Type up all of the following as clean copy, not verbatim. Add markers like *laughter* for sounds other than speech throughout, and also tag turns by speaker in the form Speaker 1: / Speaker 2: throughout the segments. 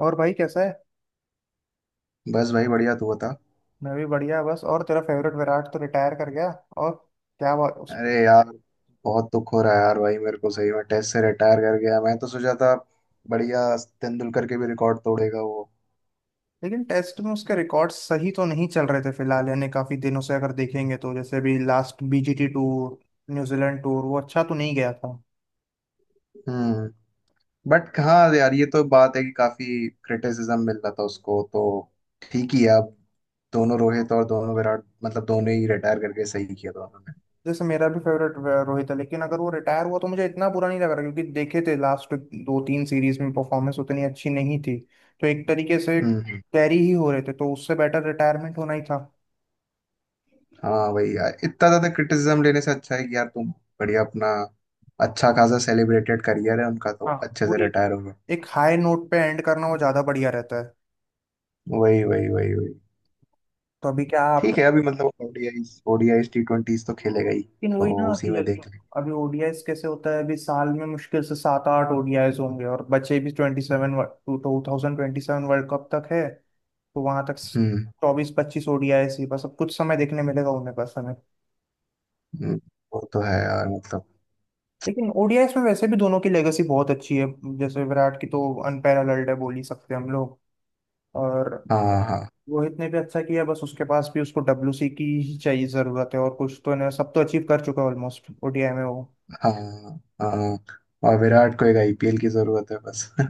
Speaker 1: और भाई कैसा है।
Speaker 2: बस भाई बढ़िया, तू बता।
Speaker 1: मैं भी बढ़िया बस। और तेरा फेवरेट विराट तो रिटायर कर गया। और क्या बात उस।
Speaker 2: अरे यार, बहुत दुख हो रहा है यार। भाई मेरे को सही में, टेस्ट से रिटायर कर गया। मैं तो सोचा था बढ़िया, तेंदुलकर के भी रिकॉर्ड तोड़ेगा वो।
Speaker 1: लेकिन टेस्ट में उसके रिकॉर्ड सही तो नहीं चल रहे थे फिलहाल, यानी काफी दिनों से अगर देखेंगे तो जैसे भी last BGT tour, New Zealand tour वो अच्छा तो नहीं गया था।
Speaker 2: हम्म। बट हाँ यार, ये तो बात है कि काफी क्रिटिसिज्म मिल रहा था उसको, तो ठीक ही है अब। दोनों रोहित और दोनों विराट, मतलब दोनों ही रिटायर करके सही किया दोनों ने।
Speaker 1: जैसे मेरा भी फेवरेट रोहित है, लेकिन अगर वो रिटायर हुआ तो मुझे इतना बुरा नहीं लग रहा क्योंकि देखे थे लास्ट दो तीन सीरीज में परफॉर्मेंस उतनी अच्छी नहीं थी। तो एक तरीके से
Speaker 2: हम्म हम्म।
Speaker 1: कैरी ही हो रहे थे, तो उससे बेटर रिटायरमेंट होना ही था।
Speaker 2: हाँ भाई यार, इतना ज्यादा क्रिटिसिज्म लेने से अच्छा है कि यार तुम बढ़िया अपना अच्छा खासा सेलिब्रेटेड करियर है उनका,
Speaker 1: हाँ,
Speaker 2: तो अच्छे
Speaker 1: वो
Speaker 2: से रिटायर हो गए।
Speaker 1: एक हाई नोट पे एंड करना वो ज्यादा बढ़िया रहता है।
Speaker 2: वही वही वही वही
Speaker 1: तो अभी क्या आप।
Speaker 2: ठीक है, अभी मतलब ओडीआईस ओडीआईस टी ट्वेंटीज तो खेलेगा ही,
Speaker 1: लेकिन
Speaker 2: तो
Speaker 1: वही ना
Speaker 2: उसी
Speaker 1: कि
Speaker 2: में
Speaker 1: जैसे
Speaker 2: देख लें।
Speaker 1: अभी ओडीआईस कैसे होता है, अभी साल में मुश्किल से 7 8 ओडीआईस होंगे और बचे भी 27, 2027 वर्ल्ड कप तक है। तो वहां तक
Speaker 2: हम्म
Speaker 1: 24 25 ओडीआईस ही बस अब कुछ समय देखने मिलेगा उन्हें, बस हमें।
Speaker 2: हम्म। वो तो है यार, मतलब
Speaker 1: लेकिन ओडीआईस में वैसे भी दोनों की लेगेसी बहुत अच्छी है, जैसे विराट की तो अनपैरेलल्ड है बोल ही सकते हैं हम लोग। और
Speaker 2: हाँ हाँ।
Speaker 1: रोहित ने भी अच्छा किया, बस उसके पास भी उसको डब्ल्यूसी की ही चाहिए, जरूरत है और कुछ तो ना, सब तो अचीव कर चुका है ऑलमोस्ट ओडीआई में वो।
Speaker 2: हाँ हाँ। और विराट को एक आईपीएल की जरूरत है बस। *laughs*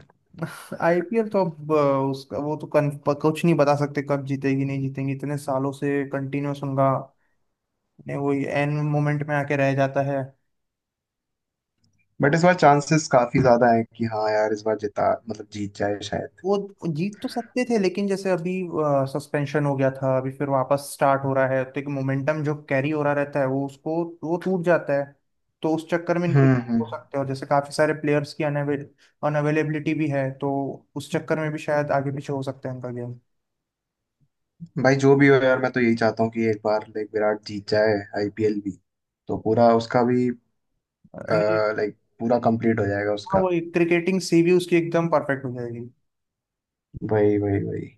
Speaker 1: आईपीएल तो अब उसका वो तो कुछ नहीं बता सकते कब जीतेगी नहीं जीतेगी, इतने सालों से कंटिन्यूस उनका ने वो एंड मोमेंट में आके रह जाता है।
Speaker 2: बट इस बार चांसेस काफी ज्यादा है कि हाँ यार, इस बार जिता, मतलब जीत जाए शायद।
Speaker 1: वो जीत तो सकते थे लेकिन जैसे अभी सस्पेंशन हो गया था, अभी फिर वापस स्टार्ट हो रहा है, तो एक मोमेंटम जो कैरी हो रहा रहता है वो उसको, वो टूट जाता है। तो उस चक्कर में इनको
Speaker 2: हम्म।
Speaker 1: हो सकते हैं। और जैसे काफी सारे प्लेयर्स की अनअवेलेबिलिटी भी है, तो उस चक्कर में भी शायद आगे पीछे हो सकता है इनका गेम।
Speaker 2: भाई जो भी हो यार, मैं तो यही चाहता हूँ कि एक बार लाइक विराट जीत जाए आईपीएल भी, तो पूरा उसका भी
Speaker 1: नहीं।
Speaker 2: लाइक पूरा कंप्लीट हो जाएगा
Speaker 1: हाँ,
Speaker 2: उसका।
Speaker 1: वही क्रिकेटिंग सी भी उसकी एकदम परफेक्ट हो जाएगी।
Speaker 2: वही वही वही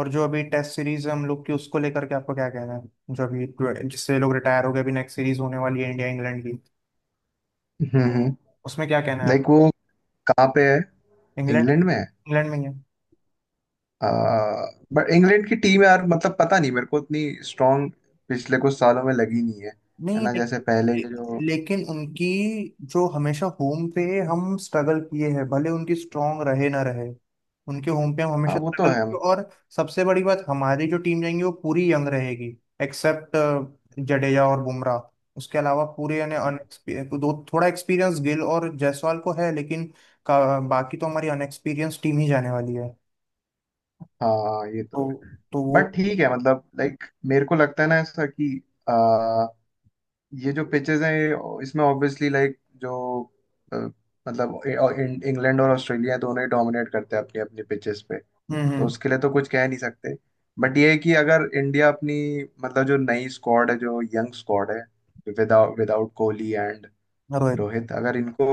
Speaker 1: और जो अभी टेस्ट सीरीज हम लोग की उसको लेकर के आपको क्या कहना है, जो अभी जिससे लोग रिटायर हो गए, अभी नेक्स्ट सीरीज होने वाली है इंडिया इंग्लैंड की,
Speaker 2: हम्म।
Speaker 1: उसमें क्या कहना है आप।
Speaker 2: लाइक वो कहाँ पे है?
Speaker 1: इंग्लैंड।
Speaker 2: इंग्लैंड में।
Speaker 1: इंग्लैंड में ही है।
Speaker 2: बट इंग्लैंड की टीम यार, मतलब पता नहीं, मेरे को इतनी स्ट्रांग पिछले कुछ सालों में लगी नहीं है। है
Speaker 1: नहीं
Speaker 2: ना? जैसे
Speaker 1: लेकिन।
Speaker 2: पहले
Speaker 1: ले-
Speaker 2: के जो,
Speaker 1: लेकिन उनकी जो हमेशा होम पे हम स्ट्रगल किए हैं, भले उनकी स्ट्रांग रहे ना रहे, उनके होम पे हम
Speaker 2: हाँ
Speaker 1: हमेशा
Speaker 2: वो तो
Speaker 1: स्ट्रगल
Speaker 2: है,
Speaker 1: किए।
Speaker 2: मतलब
Speaker 1: और सबसे बड़ी बात हमारी जो टीम जाएंगी वो पूरी यंग रहेगी, एक्सेप्ट जडेजा और बुमराह। उसके अलावा पूरे यानी दो थोड़ा एक्सपीरियंस गिल और जायसवाल को है, लेकिन बाकी तो हमारी अनएक्सपीरियंस टीम ही जाने वाली है।
Speaker 2: हाँ, ये
Speaker 1: तो
Speaker 2: तो है।
Speaker 1: तो वो।
Speaker 2: बट ठीक है, मतलब लाइक मेरे को लगता है ना ऐसा कि ये जो पिचेस हैं ये- इसमें ऑब्वियसली लाइक जो अ, मतलब ए- और इं- इंग्लैंड और ऑस्ट्रेलिया दोनों ही डोमिनेट करते हैं अपनी अपनी पिचेस पे, तो
Speaker 1: हम्म।
Speaker 2: उसके लिए तो कुछ कह नहीं सकते। बट ये है कि अगर इंडिया अपनी, मतलब जो नई स्क्वाड है, जो यंग स्क्वाड है without without Kohli and
Speaker 1: Rohit.
Speaker 2: Rohit, अगर इनको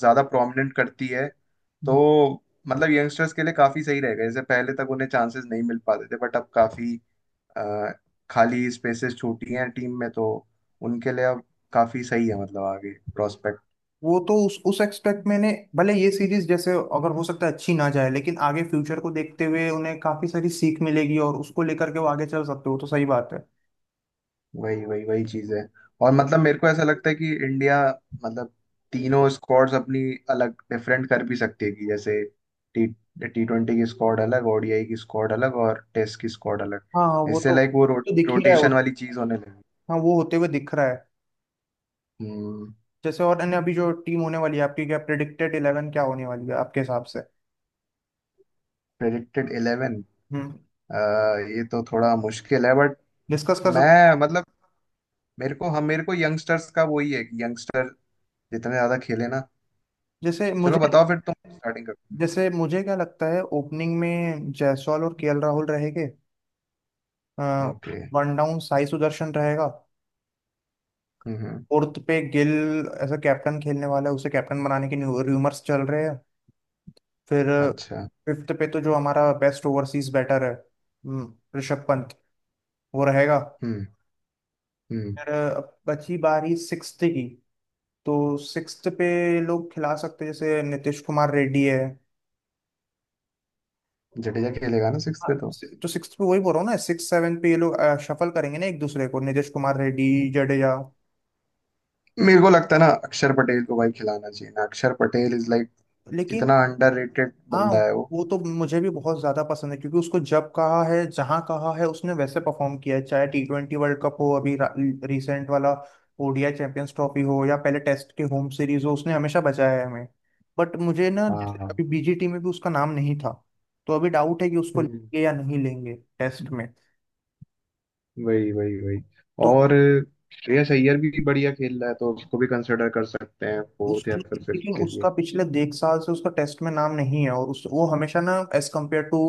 Speaker 2: ज्यादा प्रोमिनेंट करती है तो मतलब यंगस्टर्स के लिए काफी सही रहेगा। जैसे पहले तक उन्हें चांसेस नहीं मिल पाते थे, बट अब काफी अ, खाली स्पेसेस छोटी हैं टीम में, तो उनके लिए अब काफी सही है, मतलब आगे प्रोस्पेक्ट।
Speaker 1: वो तो उस एक्सपेक्ट मैंने, भले ये सीरीज जैसे अगर हो सकता है अच्छी ना जाए, लेकिन आगे फ्यूचर को देखते हुए उन्हें काफी सारी सीख मिलेगी और उसको लेकर के वो आगे चल सकते हो, तो सही बात है।
Speaker 2: वही वही वही चीज है। और मतलब मेरे को ऐसा लगता है कि इंडिया, मतलब तीनों स्क्वाड्स अपनी अलग डिफरेंट कर भी सकती है। कि जैसे टी टी ट्वेंटी की स्क्वाड अलग, ओडीआई की स्क्वाड अलग, और टेस्ट की स्क्वाड अलग।
Speaker 1: हाँ हाँ वो
Speaker 2: इससे
Speaker 1: तो।
Speaker 2: लाइक
Speaker 1: तो दिख ही रहा है वो
Speaker 2: रोटेशन
Speaker 1: तो।
Speaker 2: वाली चीज होने लगी।
Speaker 1: हाँ, वो होते हुए दिख रहा है। जैसे और अन्य अभी जो टीम होने वाली है आपकी, क्या प्रिडिक्टेड इलेवन क्या होने वाली है आपके हिसाब से।
Speaker 2: प्रेडिक्टेड इलेवन,
Speaker 1: हम्म।
Speaker 2: ये तो थोड़ा मुश्किल है बट
Speaker 1: डिस्कस कर सकते।
Speaker 2: मैं मतलब मेरे को हम मेरे को यंगस्टर्स का वही है कि यंगस्टर जितने ज्यादा खेले ना।
Speaker 1: जैसे
Speaker 2: चलो,
Speaker 1: मुझे
Speaker 2: बताओ फिर तुम स्टार्टिंग करो।
Speaker 1: जैसे मुझे क्या लगता है, ओपनिंग में जायसवाल और केएल राहुल रहेंगे।
Speaker 2: Okay.
Speaker 1: One down Sai Sudharsan रहेगा।
Speaker 2: हम्म।
Speaker 1: फोर्थ पे गिल एज अ कैप्टन खेलने वाला है, उसे कैप्टन बनाने के र्यूमर्स चल रहे हैं। फिर
Speaker 2: अच्छा।
Speaker 1: फिफ्थ पे तो जो हमारा बेस्ट ओवरसीज बैटर है, ऋषभ पंत, वो रहेगा।
Speaker 2: हम्म हम्म।
Speaker 1: फिर अब बची बारी सिक्स्थ की, तो सिक्स्थ पे लोग खिला सकते हैं, जैसे नीतीश कुमार रेड्डी है।
Speaker 2: जडेजा खेलेगा ना सिक्स
Speaker 1: हाँ,
Speaker 2: पे तो?
Speaker 1: तो सिक्स्थ पे वही बोल रहा हूँ ना, सिक्स सेवन पे ये लोग शफल करेंगे ना एक दूसरे को, नीतीश कुमार रेड्डी, जडेजा।
Speaker 2: मेरे को लगता है ना, अक्षर पटेल को भाई खिलाना चाहिए ना। अक्षर पटेल इज लाइक
Speaker 1: लेकिन
Speaker 2: इतना अंडररेटेड
Speaker 1: हाँ,
Speaker 2: बंदा है वो।
Speaker 1: वो तो मुझे भी बहुत ज्यादा पसंद है क्योंकि उसको जब कहा है जहां कहा है उसने वैसे परफॉर्म किया है, चाहे टी ट्वेंटी वर्ल्ड कप हो, अभी रिसेंट वाला ओडीआई चैंपियंस ट्रॉफी हो, या पहले टेस्ट के होम सीरीज हो, उसने हमेशा बचाया है हमें। बट मुझे ना
Speaker 2: हाँ
Speaker 1: जैसे
Speaker 2: हाँ।
Speaker 1: अभी बीजीटी में भी उसका नाम नहीं था, तो अभी डाउट है कि उसको
Speaker 2: हम्म।
Speaker 1: लेंगे या नहीं लेंगे टेस्ट में।
Speaker 2: वही वही वही
Speaker 1: तो
Speaker 2: और श्रेयस अय्यर भी बढ़िया खेल रहा है, तो उसको भी कंसिडर कर सकते हैं फोर्थ
Speaker 1: उसके
Speaker 2: या फिर फिफ्थ
Speaker 1: लेकिन
Speaker 2: के लिए।
Speaker 1: उसका पिछले एक साल से उसका टेस्ट में नाम नहीं है और उस वो हमेशा ना एज कम्पेयर टू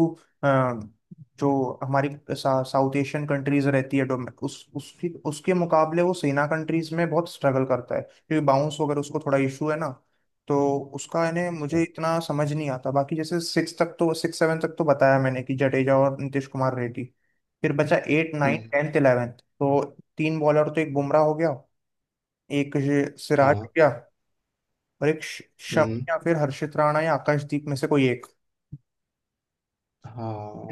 Speaker 1: जो हमारी साउथ एशियन कंट्रीज रहती है, डोमे- उस उसकी उसके मुकाबले वो सेना कंट्रीज में बहुत स्ट्रगल करता है क्योंकि बाउंस वगैरह उसको थोड़ा इशू है ना। तो उसका इन्हें मुझे
Speaker 2: अच्छा।
Speaker 1: इतना समझ नहीं आता। बाकी जैसे सिक्स तक तो, सिक्स सेवन तक तो बताया मैंने कि जडेजा और नीतीश कुमार रेड्डी। फिर बचा एट नाइन
Speaker 2: हम्म।
Speaker 1: टेंथ इलेवेंथ, तो तीन बॉलर तो, एक बुमराह हो गया, एक ये सिराज
Speaker 2: हाँ।
Speaker 1: हो गया, और एक शम
Speaker 2: हम्म।
Speaker 1: या फिर हर्षित राणा या आकाशदीप में से कोई एक,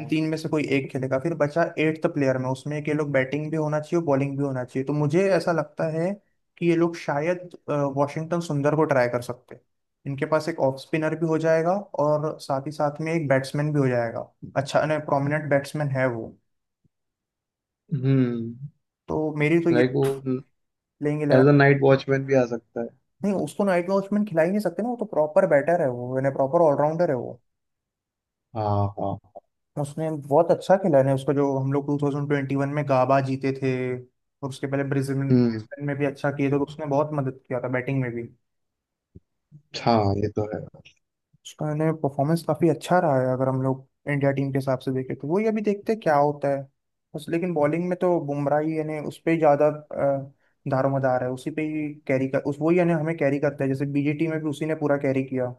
Speaker 1: इन तीन में से कोई एक खेलेगा। फिर बचा एट्थ प्लेयर, में उसमें कि ये लोग बैटिंग भी होना चाहिए बॉलिंग भी होना चाहिए, तो मुझे ऐसा लगता है कि ये लोग शायद वॉशिंगटन सुंदर को ट्राई कर सकते हैं। इनके पास एक ऑफ स्पिनर भी हो जाएगा और साथ ही साथ में एक बैट्समैन भी हो जाएगा, अच्छा नहीं प्रोमिनेंट बैट्समैन है वो।
Speaker 2: हम्म।
Speaker 1: तो मेरी तो ये
Speaker 2: लाइक वो
Speaker 1: playing eleven.
Speaker 2: As a night watchman भी आ सकता है।
Speaker 1: नहीं, उसको नाइट वॉचमैन खिला ही नहीं सकते ना, वो तो प्रॉपर बैटर है वो, यानी प्रॉपर ऑलराउंडर है वो।
Speaker 2: हाँ हाँ।
Speaker 1: उसने बहुत अच्छा खेला है ना, उसका जो हम लोग 2021 में गाबा जीते थे, और उसके पहले ब्रिस्बेन
Speaker 2: हम्म।
Speaker 1: ब्रिस्बेन में भी अच्छा किए थे, तो उसने बहुत मदद किया था बैटिंग में भी।
Speaker 2: हाँ ये तो है।
Speaker 1: उसका ने परफॉर्मेंस काफी अच्छा रहा है अगर हम लोग इंडिया टीम के हिसाब से देखें, तो वही अभी देखते हैं क्या होता है। बस लेकिन बॉलिंग में तो बुमराह ही, यानी उस पे ही ज्यादा दारोमदार है, उसी पे ही कैरी कर, उस वही यानी हमें कैरी करता है, जैसे बीजेटी में भी उसी ने पूरा कैरी किया।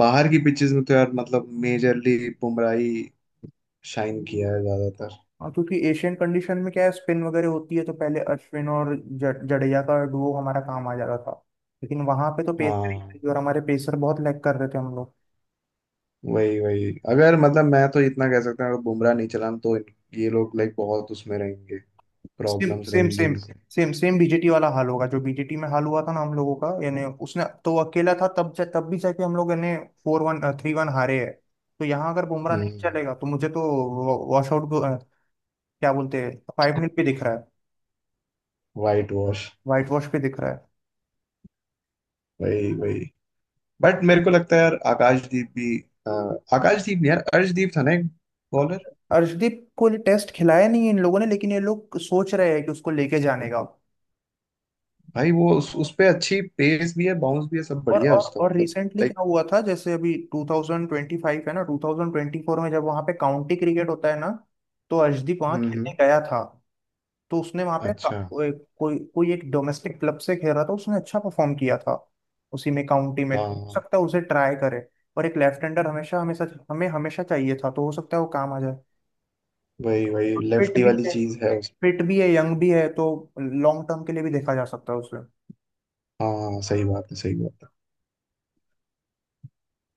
Speaker 2: बाहर की पिचेस में तो यार, मतलब मेजरली बुमराह ही शाइन किया है ज्यादातर।
Speaker 1: हाँ, क्योंकि एशियन कंडीशन में क्या है, स्पिन वगैरह होती है, तो पहले अश्विन और जडेजा का डुओ हमारा काम आ जाता था, लेकिन वहां पे तो पेसर ही
Speaker 2: हाँ।
Speaker 1: थे और हमारे पेसर बहुत लैग कर रहे थे हम लोग।
Speaker 2: वही वही अगर मतलब मैं तो इतना कह सकता हूँ, अगर बुमराह नहीं चला तो ये लोग लाइक बहुत उसमें रहेंगे,
Speaker 1: सेम
Speaker 2: प्रॉब्लम्स
Speaker 1: सेम
Speaker 2: रहेंगी
Speaker 1: सेम
Speaker 2: इनसे।
Speaker 1: सेम सेम बीजेटी वाला हाल होगा, जो बीजेटी में हाल हुआ था ना हम लोगों का, यानी उसने तो वो अकेला था तब तब भी जाके हम लोग यानी 4-1, 3-1 हारे है। तो यहाँ अगर बुमराह नहीं
Speaker 2: हम्म।
Speaker 1: चलेगा तो मुझे तो वॉश आउट क्या बोलते हैं, फाइव मिनट पे दिख रहा है,
Speaker 2: वाइट वॉश।
Speaker 1: वाइट वॉश पे दिख रहा है।
Speaker 2: वही वही बट मेरे को लगता है यार आकाशदीप भी अ, आकाशदीप नहीं यार, अर्शदीप था ना एक बॉलर।
Speaker 1: अर्शदीप को टेस्ट खिलाया नहीं है इन लोगों ने, लेकिन ये लोग सोच रहे हैं कि उसको लेके जाने का।
Speaker 2: भाई उस पे अच्छी पेस भी है, बाउंस भी है, सब बढ़िया है उसका
Speaker 1: और
Speaker 2: मतलब।
Speaker 1: Recently
Speaker 2: like.
Speaker 1: क्या हुआ था, जैसे अभी 2025 है ना, 2024 में जब वहाँ पे काउंटी क्रिकेट होता है ना, तो अर्शदीप वहाँ
Speaker 2: हम्म
Speaker 1: खेलने
Speaker 2: हम्म
Speaker 1: गया था। तो उसने वहाँ पे
Speaker 2: अच्छा।
Speaker 1: कोई कोई एक डोमेस्टिक क्लब से खेल रहा था, उसने अच्छा परफॉर्म किया था। उसी में काउंटी में, तो हो
Speaker 2: हाँ।
Speaker 1: सकता है उसे ट्राई करे। और एक लेफ्ट हैंडर हमेशा हमेशा हमें हमेशा चाहिए था, तो हो सकता है वो काम आ जाए।
Speaker 2: वही वही
Speaker 1: फिट
Speaker 2: लेफ्टी
Speaker 1: भी
Speaker 2: वाली
Speaker 1: है,
Speaker 2: चीज है उस।
Speaker 1: फिट भी है, यंग भी है, तो लॉन्ग टर्म के लिए भी देखा जा सकता है उसे।
Speaker 2: हाँ सही बात है, सही बात है।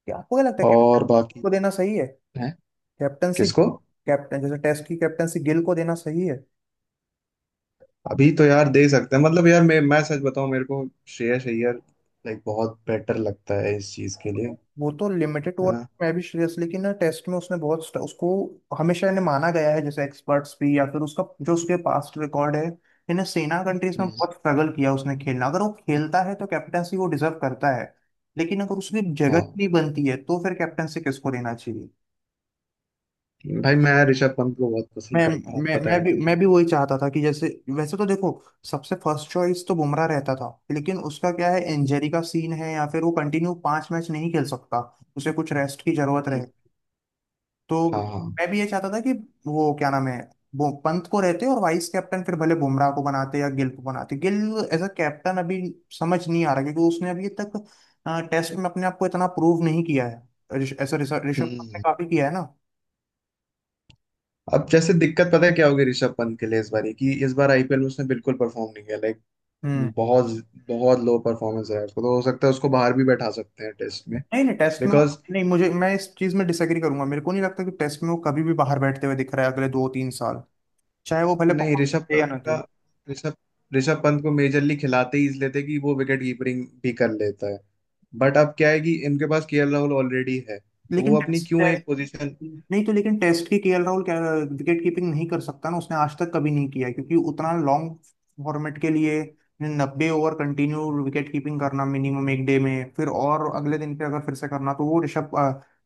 Speaker 1: क्या आपको क्या लगता है कैप्टन
Speaker 2: और बाकी
Speaker 1: को देना सही है
Speaker 2: है?
Speaker 1: कैप्टनसी,
Speaker 2: किसको?
Speaker 1: कैप्टन जैसे टेस्ट की कैप्टनसी गिल को देना सही है।
Speaker 2: अभी तो यार दे सकते हैं, मतलब यार मैं सच बताऊं, मेरे को श्रेयस अय्यर लाइक बहुत बेटर लगता है इस चीज के लिए है
Speaker 1: वो तो लिमिटेड ओवर
Speaker 2: ना।
Speaker 1: में भी श्रेयस, लेकिन ना टेस्ट में उसने बहुत उसको हमेशा इन्हें माना गया है जैसे एक्सपर्ट्स भी, या फिर उसका जो उसके पास्ट रिकॉर्ड है इन्हें सेना कंट्रीज में
Speaker 2: हम्म,
Speaker 1: बहुत स्ट्रगल किया उसने खेलना, अगर वो खेलता है तो कैप्टनसी वो डिजर्व करता है। लेकिन अगर उसकी जगह
Speaker 2: हाँ
Speaker 1: नहीं बनती है तो फिर कैप्टनसी किसको देना चाहिए।
Speaker 2: भाई, मैं ऋषभ पंत को बहुत पसंद
Speaker 1: मैं
Speaker 2: करता हूँ,
Speaker 1: मैं
Speaker 2: पता
Speaker 1: मैं
Speaker 2: है
Speaker 1: भी
Speaker 2: नहीं
Speaker 1: मैं
Speaker 2: क्यों।
Speaker 1: भी वही चाहता था कि जैसे, वैसे तो देखो, सबसे फर्स्ट चॉइस तो बुमराह रहता था, लेकिन उसका क्या है इंजरी का सीन है, या फिर वो कंटिन्यू 5 मैच नहीं खेल सकता, उसे कुछ रेस्ट की जरूरत रहे।
Speaker 2: हम्म,
Speaker 1: तो
Speaker 2: हाँ हाँ।
Speaker 1: मैं भी ये चाहता था कि वो क्या नाम है, वो पंत को रहते और वाइस कैप्टन फिर भले बुमराह को बनाते या गिल को बनाते। गिल एज अ कैप्टन अभी समझ नहीं आ रहा, क्योंकि उसने अभी तक टेस्ट में अपने आप को इतना प्रूव नहीं किया है। ऋष- ऐसा ऋषभ ऋषभ पंत ने
Speaker 2: हम्म।
Speaker 1: काफी किया है
Speaker 2: अब जैसे दिक्कत पता है क्या होगी ऋषभ पंत के लिए इस बार? कि इस बार आईपीएल में उसने बिल्कुल परफॉर्म नहीं किया लाइक।
Speaker 1: ना।
Speaker 2: बहुत बहुत लो परफॉर्मेंस है उसको, तो हो सकता है उसको बाहर भी बैठा सकते हैं टेस्ट में।
Speaker 1: नहीं नहीं, टेस्ट में
Speaker 2: बिकॉज,
Speaker 1: वो नहीं, मुझे मैं इस चीज में डिसएग्री करूंगा, मेरे को नहीं लगता कि टेस्ट में वो कभी भी बाहर बैठते हुए दिख रहा है अगले दो तीन साल, चाहे वो भले
Speaker 2: नहीं
Speaker 1: परफॉर्मेंस
Speaker 2: ऋषभ
Speaker 1: दे या
Speaker 2: पंत
Speaker 1: ना
Speaker 2: का,
Speaker 1: दे।
Speaker 2: ऋषभ ऋषभ पंत को मेजरली खिलाते ही इसलिए थे कि वो विकेट कीपिंग भी कर लेता है। बट अब क्या है कि इनके पास केएल राहुल ऑलरेडी है, तो वो
Speaker 1: लेकिन
Speaker 2: अपनी
Speaker 1: टेस्ट
Speaker 2: क्यों
Speaker 1: टेस्ट
Speaker 2: एक पोजीशन।
Speaker 1: नहीं तो, लेकिन टेस्ट की केएल राहुल क्या विकेट कीपिंग नहीं कर सकता ना, उसने आज तक कभी नहीं किया है, क्योंकि उतना लॉन्ग फॉर्मेट के लिए 90 ओवर कंटिन्यू विकेट कीपिंग करना मिनिमम एक डे में, फिर और अगले दिन पे अगर फिर से करना, तो वो ऋषभ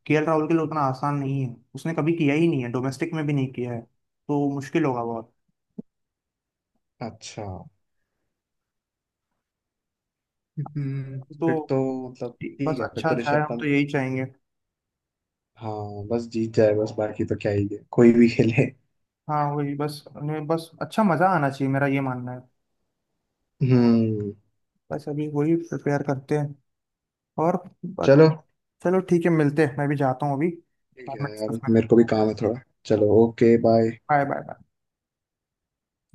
Speaker 1: केएल राहुल के लिए उतना आसान नहीं है, उसने कभी किया ही नहीं है, डोमेस्टिक में भी नहीं किया है, तो मुश्किल होगा बहुत।
Speaker 2: अच्छा। हम्म,
Speaker 1: तो
Speaker 2: फिर तो मतलब
Speaker 1: बस
Speaker 2: ठीक है, फिर
Speaker 1: अच्छा
Speaker 2: तो ऋषभ
Speaker 1: जाए, हम तो
Speaker 2: पंत।
Speaker 1: यही चाहेंगे।
Speaker 2: हाँ बस जीत जाए बस, बाकी तो क्या ही है, कोई भी खेले।
Speaker 1: हाँ, वही बस उन्हें बस अच्छा मजा आना चाहिए, मेरा ये मानना है।
Speaker 2: हम्म।
Speaker 1: बस अभी वही प्रिपेयर करते हैं और बस-।
Speaker 2: चलो
Speaker 1: चलो ठीक है, मिलते हैं, मैं भी जाता हूँ अभी।
Speaker 2: ठीक
Speaker 1: बाद में
Speaker 2: है
Speaker 1: डिस्कस
Speaker 2: यार,
Speaker 1: करते
Speaker 2: मेरे को भी काम है थोड़ा।
Speaker 1: हैं।
Speaker 2: चलो okay bye.
Speaker 1: Bye bye bye.